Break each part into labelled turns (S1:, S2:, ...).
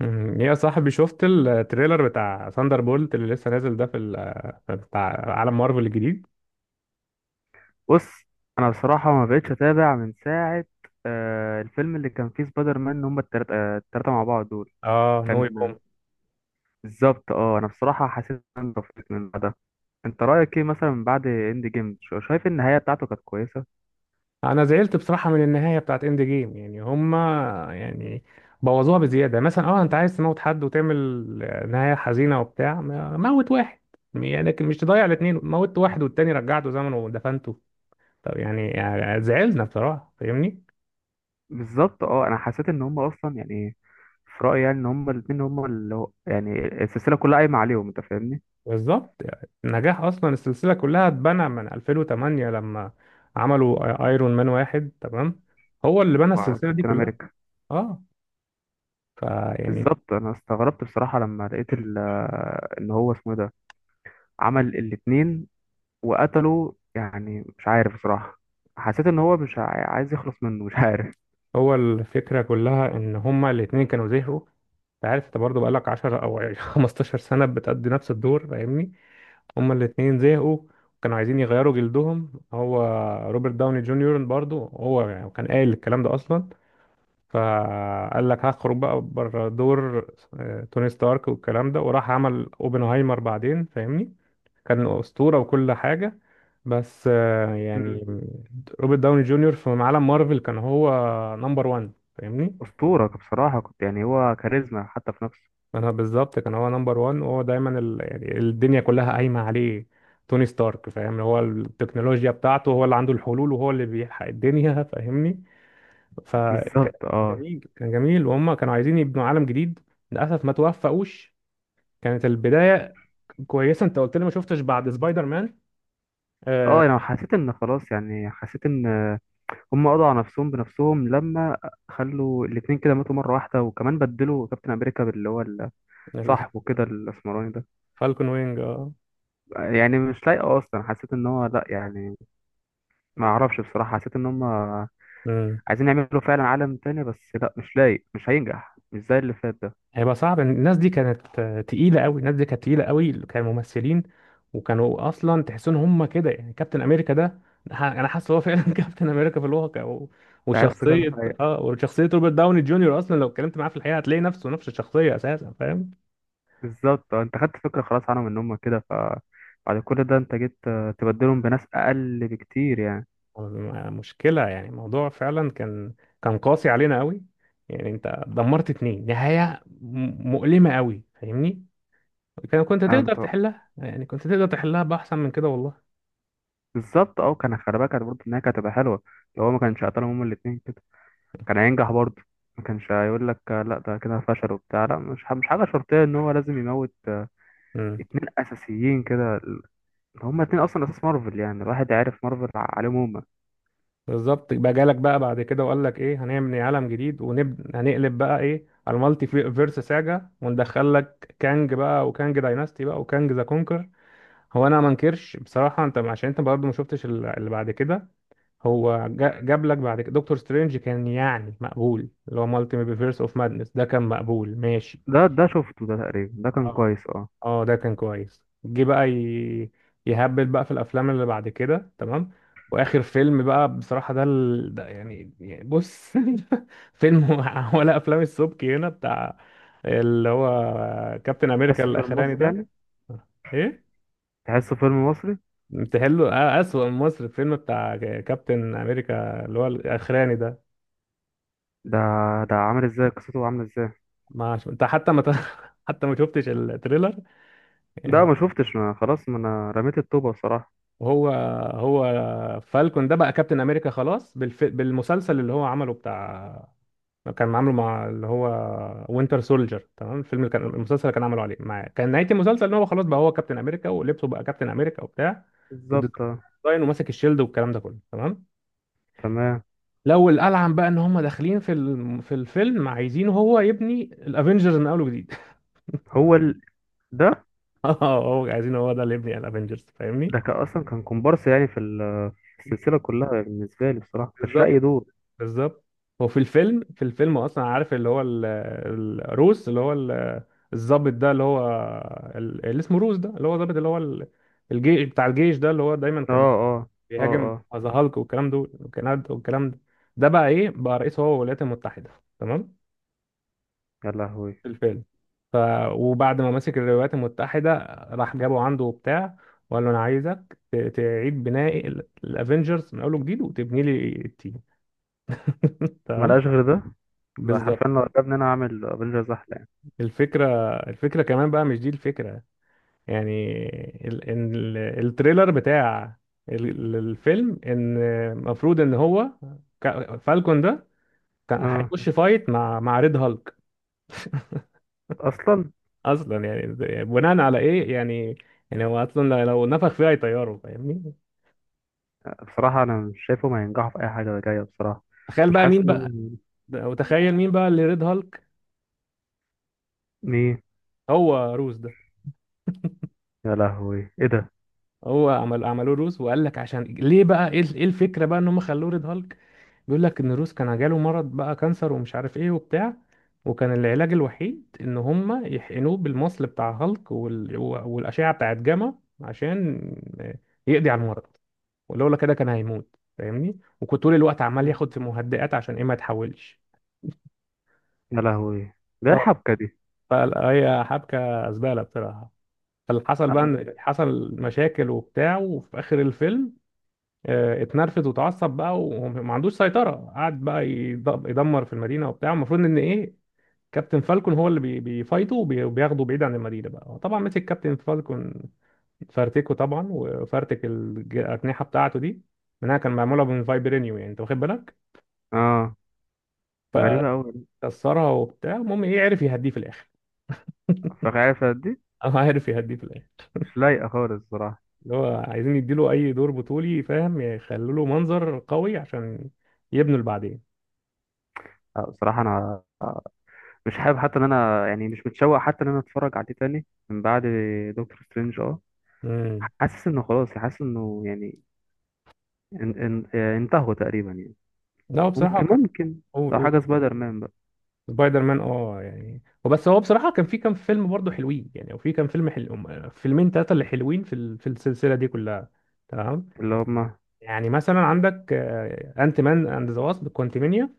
S1: مم. يا صاحبي شفت التريلر بتاع ثاندر بولت اللي لسه نازل ده بتاع عالم مارفل الجديد.
S2: بص، انا بصراحه ما بقتش اتابع من ساعه. الفيلم اللي كان فيه سبايدر مان، هم التلاته، التلاته مع بعض دول
S1: اه، نو
S2: كان.
S1: واي هوم.
S2: بالظبط اه، انا بصراحه حسيت ان انا طفيت من ده. انت رايك ايه مثلا من بعد اند جيم؟ شايف النهايه بتاعته كانت كويسه؟
S1: انا زعلت بصراحه من النهايه بتاعت اند جيم. يعني هما، يعني بوظوها بزياده. مثلا اه، انت عايز تموت حد وتعمل نهايه حزينه وبتاع، موت واحد يعني، لكن مش تضيع الاثنين، موت واحد والتاني رجعته زمنه ودفنته. طب يعني، زعلنا بصراحه، فاهمني.
S2: بالظبط اه، انا حسيت ان هم اصلا يعني، في رايي يعني ان هم الاثنين هم اللي هو يعني السلسله كلها قايمه عليهم، انت فاهمني؟
S1: بالظبط، يعني نجاح اصلا السلسله كلها اتبنى من 2008 لما عملوا ايرون مان واحد، تمام. هو اللي بنى
S2: مع
S1: السلسله دي
S2: كابتن
S1: كلها.
S2: امريكا.
S1: اه. فيعني
S2: بالظبط، انا استغربت بصراحه لما لقيت ان هو اسمه إيه ده عمل الاثنين وقتله، يعني مش عارف بصراحة. حسيت ان هو مش عاي- عايز يخلص منه، مش عارف.
S1: هو الفكره كلها ان هما الاتنين كانوا زهقوا. انت عارف انت برضه بقالك 10 او 15 سنه بتأدي نفس الدور، فاهمني. هما الاتنين زهقوا، كانوا عايزين يغيروا جلدهم. هو روبرت داوني جونيور برضه هو يعني كان قايل الكلام ده اصلا، فقال لك هخرج بقى بره دور توني ستارك والكلام ده، وراح عمل اوبنهايمر بعدين، فاهمني. كان أسطورة وكل حاجة، بس
S2: مم.
S1: يعني روبرت داوني جونيور في عالم مارفل كان هو نمبر 1، فاهمني.
S2: أسطورة بصراحة، كنت يعني هو كاريزما حتى في نفسه.
S1: انا بالظبط كان هو نمبر 1، وهو دايما يعني الدنيا كلها قايمة عليه. توني ستارك، فاهم، هو التكنولوجيا بتاعته، هو اللي عنده الحلول وهو اللي بيلحق الدنيا، فاهمني. فكان
S2: بالظبط اه.
S1: جميل، كان جميل، وهم كانوا عايزين يبنوا عالم جديد. للاسف ما توفقوش. كانت البدايه كويسه. انت قلت لي ما شفتش بعد سبايدر مان. آه.
S2: اه يعني حسيت ان خلاص، يعني حسيت ان هم قضوا على نفسهم بنفسهم لما خلوا الاتنين كده ماتوا مرة واحدة، وكمان بدلوا كابتن امريكا باللي هو ال- صاحبه كده الاسمراني ده.
S1: فالكون وينج، اه.
S2: يعني مش لايقة اصلا، حسيت ان هو لا يعني، ما اعرفش بصراحة. حسيت ان هم
S1: مم.
S2: عايزين يعملوا فعلا عالم تاني، بس لا، مش لايق، مش هينجح، مش زي اللي فات ده.
S1: هيبقى صعب. الناس دي كانت تقيله قوي. الناس دي كانت تقيله قوي، كانوا ممثلين، وكانوا اصلا تحس ان هم كده. يعني كابتن امريكا ده، انا حاسس هو فعلا كابتن امريكا في الواقع.
S2: انت عايز ثقة في
S1: وشخصيه،
S2: الحقيقة.
S1: وشخصيه روبرت داوني جونيور، اصلا لو اتكلمت معاه في الحقيقه هتلاقي نفسه نفس الشخصيه اساسا، فاهم.
S2: بالظبط اه، انت خدت فكرة خلاص عنهم ان هم كده، فبعد كل ده انت جيت اه، تبدلهم بناس اقل بكتير يعني.
S1: مشكلة. يعني الموضوع فعلا كان، قاسي علينا قوي. يعني انت دمرت اتنين، نهاية مؤلمة قوي، فاهمني. كان كنت
S2: انا
S1: تقدر
S2: مت-
S1: تحلها، يعني كنت تقدر تحلها بأحسن من كده والله.
S2: بالظبط اه، كان خلي بالك برضه ان هي كانت هتبقى حلوة لو هو ما كانش قتلهم هما الاتنين كده، كان هينجح برضه. ما كانش هيقول لك اه، لا ده كده فشل وبتاع، لا مش مش حاجة شرطية ان هو لازم يموت اه،
S1: امم
S2: اتنين اساسيين كده ال-، هما اتنين اصلا اساس مارفل يعني، الواحد عارف مارفل عليهم هما.
S1: بالظبط. بقى جالك بقى بعد كده وقال لك ايه، هنعمل عالم جديد، هنقلب بقى ايه على المالتي فيرس ساجا، وندخل لك كانج بقى، وكانج دايناستي بقى، وكانج ذا كونكر. هو انا ما انكرش بصراحة، انت عشان انت برضه ما شفتش اللي بعد كده. هو جاب لك بعد كده دكتور سترينج، كان يعني مقبول، اللي هو مالتي ميفيرس اوف مادنس ده، كان مقبول ماشي.
S2: ده شفته ده تقريبا، ده كان
S1: اه.
S2: كويس اه.
S1: اه، ده كان كويس. جه بقى يهبل بقى في الافلام اللي بعد كده، تمام. واخر فيلم بقى بصراحة ده، ده يعني، بص. فيلم ولا افلام السبكي هنا، بتاع اللي هو كابتن
S2: تحس
S1: امريكا
S2: فيلم مصري
S1: الاخراني
S2: يعني.
S1: ده. ايه.
S2: تحسه فيلم مصري.
S1: بتحله اسوأ من مصر الفيلم بتاع كابتن امريكا اللي هو الاخراني ده.
S2: ده ده عامل ازاي؟ قصته عامله ازاي؟
S1: ما عش- انت حتى ما ت- حتى ما شفتش التريلر،
S2: ده
S1: يعني.
S2: ما شفتش، ما خلاص، ما انا رميت الطوبه بصراحه.
S1: هو، هو فالكون ده بقى كابتن امريكا خلاص، بالمسلسل اللي هو عمله بتاع. كان عامله مع اللي هو وينتر سولجر، تمام. الفيلم اللي كان، المسلسل اللي كان عامله عليه مع، كان نهاية المسلسل ان هو خلاص بقى هو كابتن امريكا، ولبسه بقى كابتن امريكا وبتاع،
S2: بالظبط آه.
S1: والديزاين وماسك الشيلد والكلام ده كله، تمام.
S2: تمام.
S1: لو الالعن بقى ان هم داخلين في الفيلم عايزين هو يبني الافنجرز من اول وجديد.
S2: هو ال... ده
S1: اه، هو عايزين هو ده اللي يبني الافنجرز، فاهمني.
S2: ده كان اصلا كان كومبارس يعني في ال- في السلسله كلها، بالنسبه لي بصراحه ما كانش لاقي
S1: بالظبط
S2: دور.
S1: بالظبط. هو في الفيلم، اصلا عارف اللي هو الروس، اللي هو الضابط ده، اللي هو اللي اسمه روس ده، اللي هو ضابط اللي هو الجيش، بتاع الجيش ده اللي هو دايما
S2: اه
S1: كان
S2: اه. اه
S1: بيهاجم
S2: اه.
S1: ذا هالك والكلام دول، والكلام ده، والكلام ده، ده بقى ايه بقى؟ رئيس هو الولايات المتحدة، تمام،
S2: يا لهوي.
S1: في الفيلم. ف وبعد ما مسك الولايات المتحدة، راح جابه عنده وبتاع، وقال له انا عايزك تعيد بناء الافينجرز من اول وجديد وتبني لي التيم،
S2: ما
S1: تمام.
S2: لقاش غير ده؟ لا حرفيا،
S1: بالظبط.
S2: لو عجبني انا اعمل افنجرز احلى يعني.
S1: الفكرة الفكرة كمان بقى، مش دي الفكرة يعني. إن التريلر بتاع الفيلم، ان المفروض ان هو، فالكون ده كان
S2: اه.
S1: هيخش فايت مع ريد هالك
S2: اصلا
S1: اصلا. يعني بناء على ايه يعني؟ يعني هو اصلا لو نفخ فيها هيطيره، فاهمني.
S2: بصراحه انا مش شايفه ما ينجحوا في اي حاجه جايه بصراحه.
S1: تخيل
S2: مش
S1: بقى
S2: حاسس
S1: مين بقى.
S2: انهم.
S1: وتخيل مين بقى اللي ريد هالك؟
S2: ايه؟
S1: هو روس ده.
S2: يا لهوي، ايه ده؟
S1: هو عمل، عملوه روس، وقال لك عشان ليه بقى ايه، إيه الفكرة بقى ان هم خلوه ريد هالك؟ بيقول لك ان روس كان جاله مرض بقى، كانسر ومش عارف ايه وبتاع، وكان العلاج الوحيد ان هم يحقنوه بالمصل بتاع هالك، والاشعه بتاعت جاما، عشان يقضي على المرض. ولولا كده كان هيموت، فاهمني، وكنت طول الوقت عمال ياخد في مهدئات عشان ايه ما يتحولش.
S2: يا لهوي، ده إيه
S1: اه.
S2: الحبكه دي؟
S1: فهي حبكه زباله بصراحه. فاللي حصل بقى
S2: اه.
S1: ان حصل مشاكل وبتاع، وفي اخر الفيلم اتنرفز وتعصب بقى وما عندوش سيطره، قعد بقى يدمر في المدينه وبتاع. المفروض ان ايه، كابتن فالكون هو اللي بيفايته وبياخده بعيد عن المدينه بقى. هو طبعا مسك كابتن فالكون، فرتكه طبعا، وفرتك الاجنحه بتاعته دي، منها كان معموله من فايبرينيوم يعني، انت واخد بالك،
S2: آه. غريبة أوي.
S1: فكسرها وبتاع. المهم ايه، عرف يهديه في الاخر.
S2: فعارفة دي.
S1: اه، عرف يهديه في الاخر.
S2: مش لايقة خالص بصراحة.
S1: اللي هو عايزين يديله اي دور بطولي، فاهم، يخلوا له منظر قوي عشان يبنوا اللي بعدين.
S2: آه، بصراحة أنا مش حابب، حتى إن أنا يعني مش متشوق حتى إن أنا أتفرج عليه تاني من بعد دكتور سترينج أه.
S1: امم
S2: حاسس إنه خلاص، حاسس إنه يعني ان آه، انتهوا تقريبا يعني.
S1: لا، هو بصراحه
S2: ممكن،
S1: كان،
S2: ممكن
S1: قول
S2: لو
S1: قول.
S2: حاجة سبايدر مان بقى.
S1: سبايدر مان اه، يعني وبس. هو بصراحة كان في كام فيلم برضه حلوين، يعني وفي كام فيلم حلو، فيلمين ثلاثة اللي حلوين في في السلسلة دي كلها، تمام.
S2: اللي هما.
S1: يعني مثلا عندك انت مان اند ذا واسب كوانتمينيا.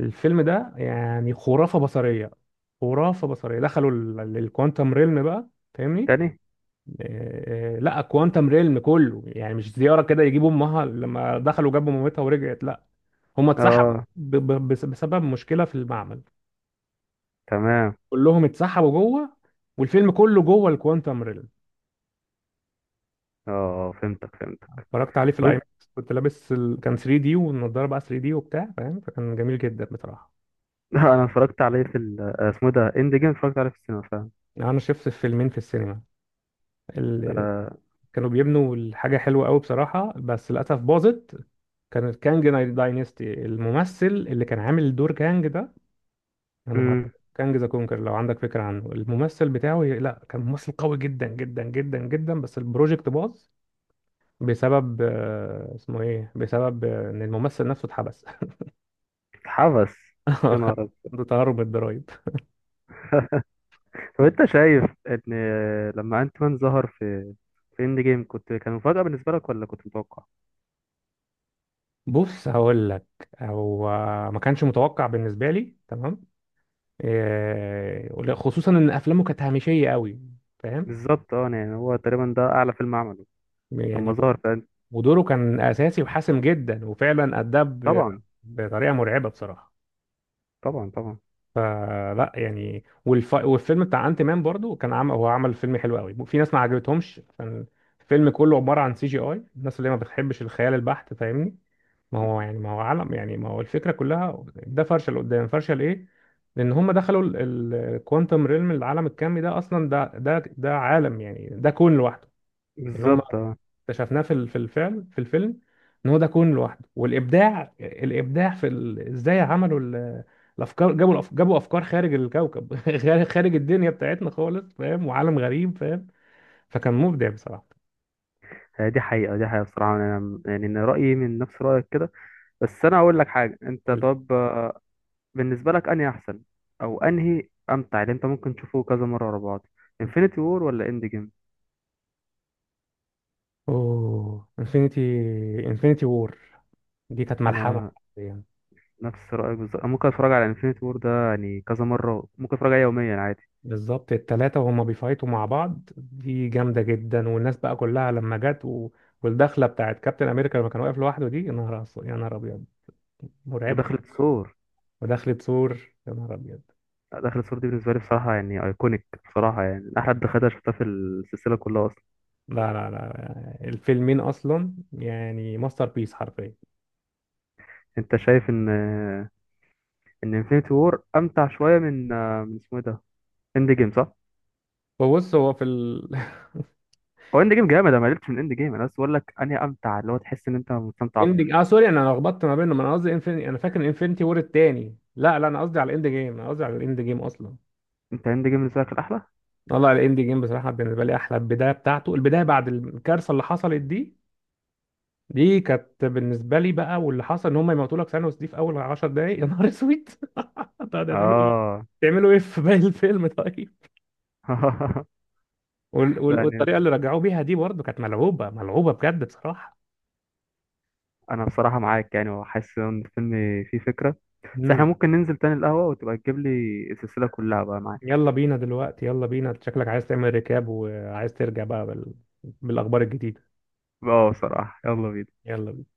S1: الفيلم ده يعني خرافة بصرية. خرافة بصرية، دخلوا الكوانتم ريلم بقى، فاهمني.
S2: تاني؟
S1: لا، كوانتم ريلم كله، يعني مش زيارة كده يجيبوا امها. لما دخلوا جابوا مامتها ورجعت، لا، هم اتسحبوا
S2: أه.
S1: بسبب مشكلة في المعمل.
S2: تمام.
S1: كلهم اتسحبوا جوه، والفيلم كله جوه الكوانتم ريل.
S2: أه، فهمتك، فهمتك.
S1: اتفرجت عليه في الاي
S2: وإنت-
S1: ماكس، كنت لابس كان 3 دي والنضاره بقى 3 دي وبتاع، فاهم، فكان جميل جدا بصراحه.
S2: أنا اتفرجت عليه في ال- آه، اسمه إيه ده، إند جيم، اتفرجت عليه في السينما فاهم.
S1: يعني انا شفت فيلمين في السينما اللي
S2: آه.
S1: كانوا بيبنوا الحاجه حلوه قوي بصراحه، بس للاسف باظت. كان كانج داينستي، الممثل اللي كان عامل دور كانج ده، يا نهار أبيض.
S2: أمم.
S1: كانج ذا كونكر، لو عندك فكره عنه الممثل بتاعه، لا كان ممثل قوي جدا جدا جدا جدا، بس البروجكت باظ بسبب اسمه ايه، بسبب ان الممثل نفسه اتحبس.
S2: اتحبس؟ يا
S1: كان
S2: نهار.
S1: عنده تهرب من الضرايب.
S2: طب انت شايف ان، لما انت مان ظهر في في اند جيم، كنت كان مفاجأة بالنسبة لك ولا كنت متوقع؟
S1: بص هقول لك. هو ما كانش متوقع بالنسبه لي، تمام، خصوصا ان افلامه كانت هامشيه قوي، فاهم.
S2: بالظبط اه، يعني هو تقريبا ده اعلى فيلم عمله لما
S1: يعني
S2: ظهر في End-.
S1: ودوره كان اساسي وحاسم جدا، وفعلا اداه
S2: طبعا.
S1: بطريقه مرعبه بصراحه.
S2: طبعا طبعا.
S1: فلا يعني، والفيلم بتاع انت مان برضو، كان عمل، هو عمل فيلم حلو قوي، في ناس ما عجبتهمش عشان الفيلم كله عباره عن سي جي اي، الناس اللي ما بتحبش الخيال البحت، فاهمني. ما هو يعني ما هو عالم، يعني ما هو الفكره كلها ده فرشه لقدام، فرشه لايه؟ لان هم دخلوا الكوانتم ريلم، العالم الكمي ده اصلا ده ده ده عالم، يعني ده كون لوحده. ان هم
S2: بالظبط اه.
S1: اكتشفناه في في الفعل في الفيلم، ان هو ده كون لوحده. والابداع، الابداع في ازاي عملوا الافكار، جابوا جابوا افكار خارج الكوكب خارج، خارج الدنيا بتاعتنا خالص، فاهم، وعالم غريب، فاهم، فكان مبدع بصراحه.
S2: هي دي حقيقة، دي حقيقة بصراحة، انا يعني ان رأيي من نفس رأيك كده. بس انا هقول لك حاجة، انت
S1: أقول لك.
S2: طب آه، بالنسبة لك انهي احسن او انهي امتع اللي انت ممكن تشوفه كذا مرة ورا بعض، انفينيتي وور ولا اند جيم؟
S1: اوه، انفينيتي، انفينيتي وور، دي كانت ملحمه
S2: انا
S1: يعني.
S2: نفس رأيك بالظبط، أنا ممكن اتفرج على انفينيتي وور ده يعني كذا مرة، ممكن اتفرج عليه يوميا عادي.
S1: بالظبط، التلاتة وهما بيفايتوا مع بعض دي جامدة جدا، والناس بقى كلها لما جت والدخلة بتاعت كابتن أمريكا لما كان واقف لوحده دي، يا نهار يا نهار أبيض، مرعبة.
S2: ودخلة سور.
S1: ودخلة سور، يا نهار أبيض.
S2: لا، دخلة سور دي بالنسبة لي بصراحة يعني ايكونيك بصراحة، يعني من احلى دخلة شفتها في السلسلة كلها اصلا.
S1: لا لا لا، الفيلمين أصلا يعني ماستر بيس حرفيا.
S2: انت شايف ان، ان انفينيتي وور امتع شوية من، من اسمه ايه ده، اند جيم، صح؟
S1: فبص، هو في ال.
S2: هو اند جيم جامد، انا ما قلتش من اند جيم، انا بس بقول لك انهي امتع اللي هو تحس ان انت مستمتع
S1: اندج
S2: اكتر.
S1: اه سوري، انا لخبطت ما بينهم. انا قصدي انفيني، انا فاكر انفينيتي وور التاني، لا لا، انا قصدي على الاند جيم، انا قصدي على الاند جيم اصلا.
S2: انت اند جيم بالنسبة لك الاحلى.
S1: والله الاند جيم بصراحه بالنسبه لي احلى، البدايه بتاعته، البدايه بعد الكارثه اللي حصلت دي، دي كانت بالنسبه لي بقى، واللي حصل ان هم يموتوا لك ثانوس دي في اول 10 دقائق، يا نهار اسود. طب ده تعملوا ايه،
S2: اه.
S1: تعملوا ايه في باقي الفيلم طيب؟
S2: يعني
S1: والطريقه اللي رجعوه بيها دي برضه كانت ملعوبه، ملعوبه بجد بصراحه.
S2: انا بصراحة معاك، يعني وحاسس ان الفيلم فيه فكرة، بس احنا
S1: امم.
S2: ممكن ننزل تاني القهوة وتبقى تجيب لي السلسلة كلها بقى معاك.
S1: يلا بينا دلوقتي، يلا بينا، شكلك عايز تعمل ريكاب وعايز ترجع بقى بالاخبار الجديده.
S2: اه بصراحة، يلا بينا.
S1: يلا.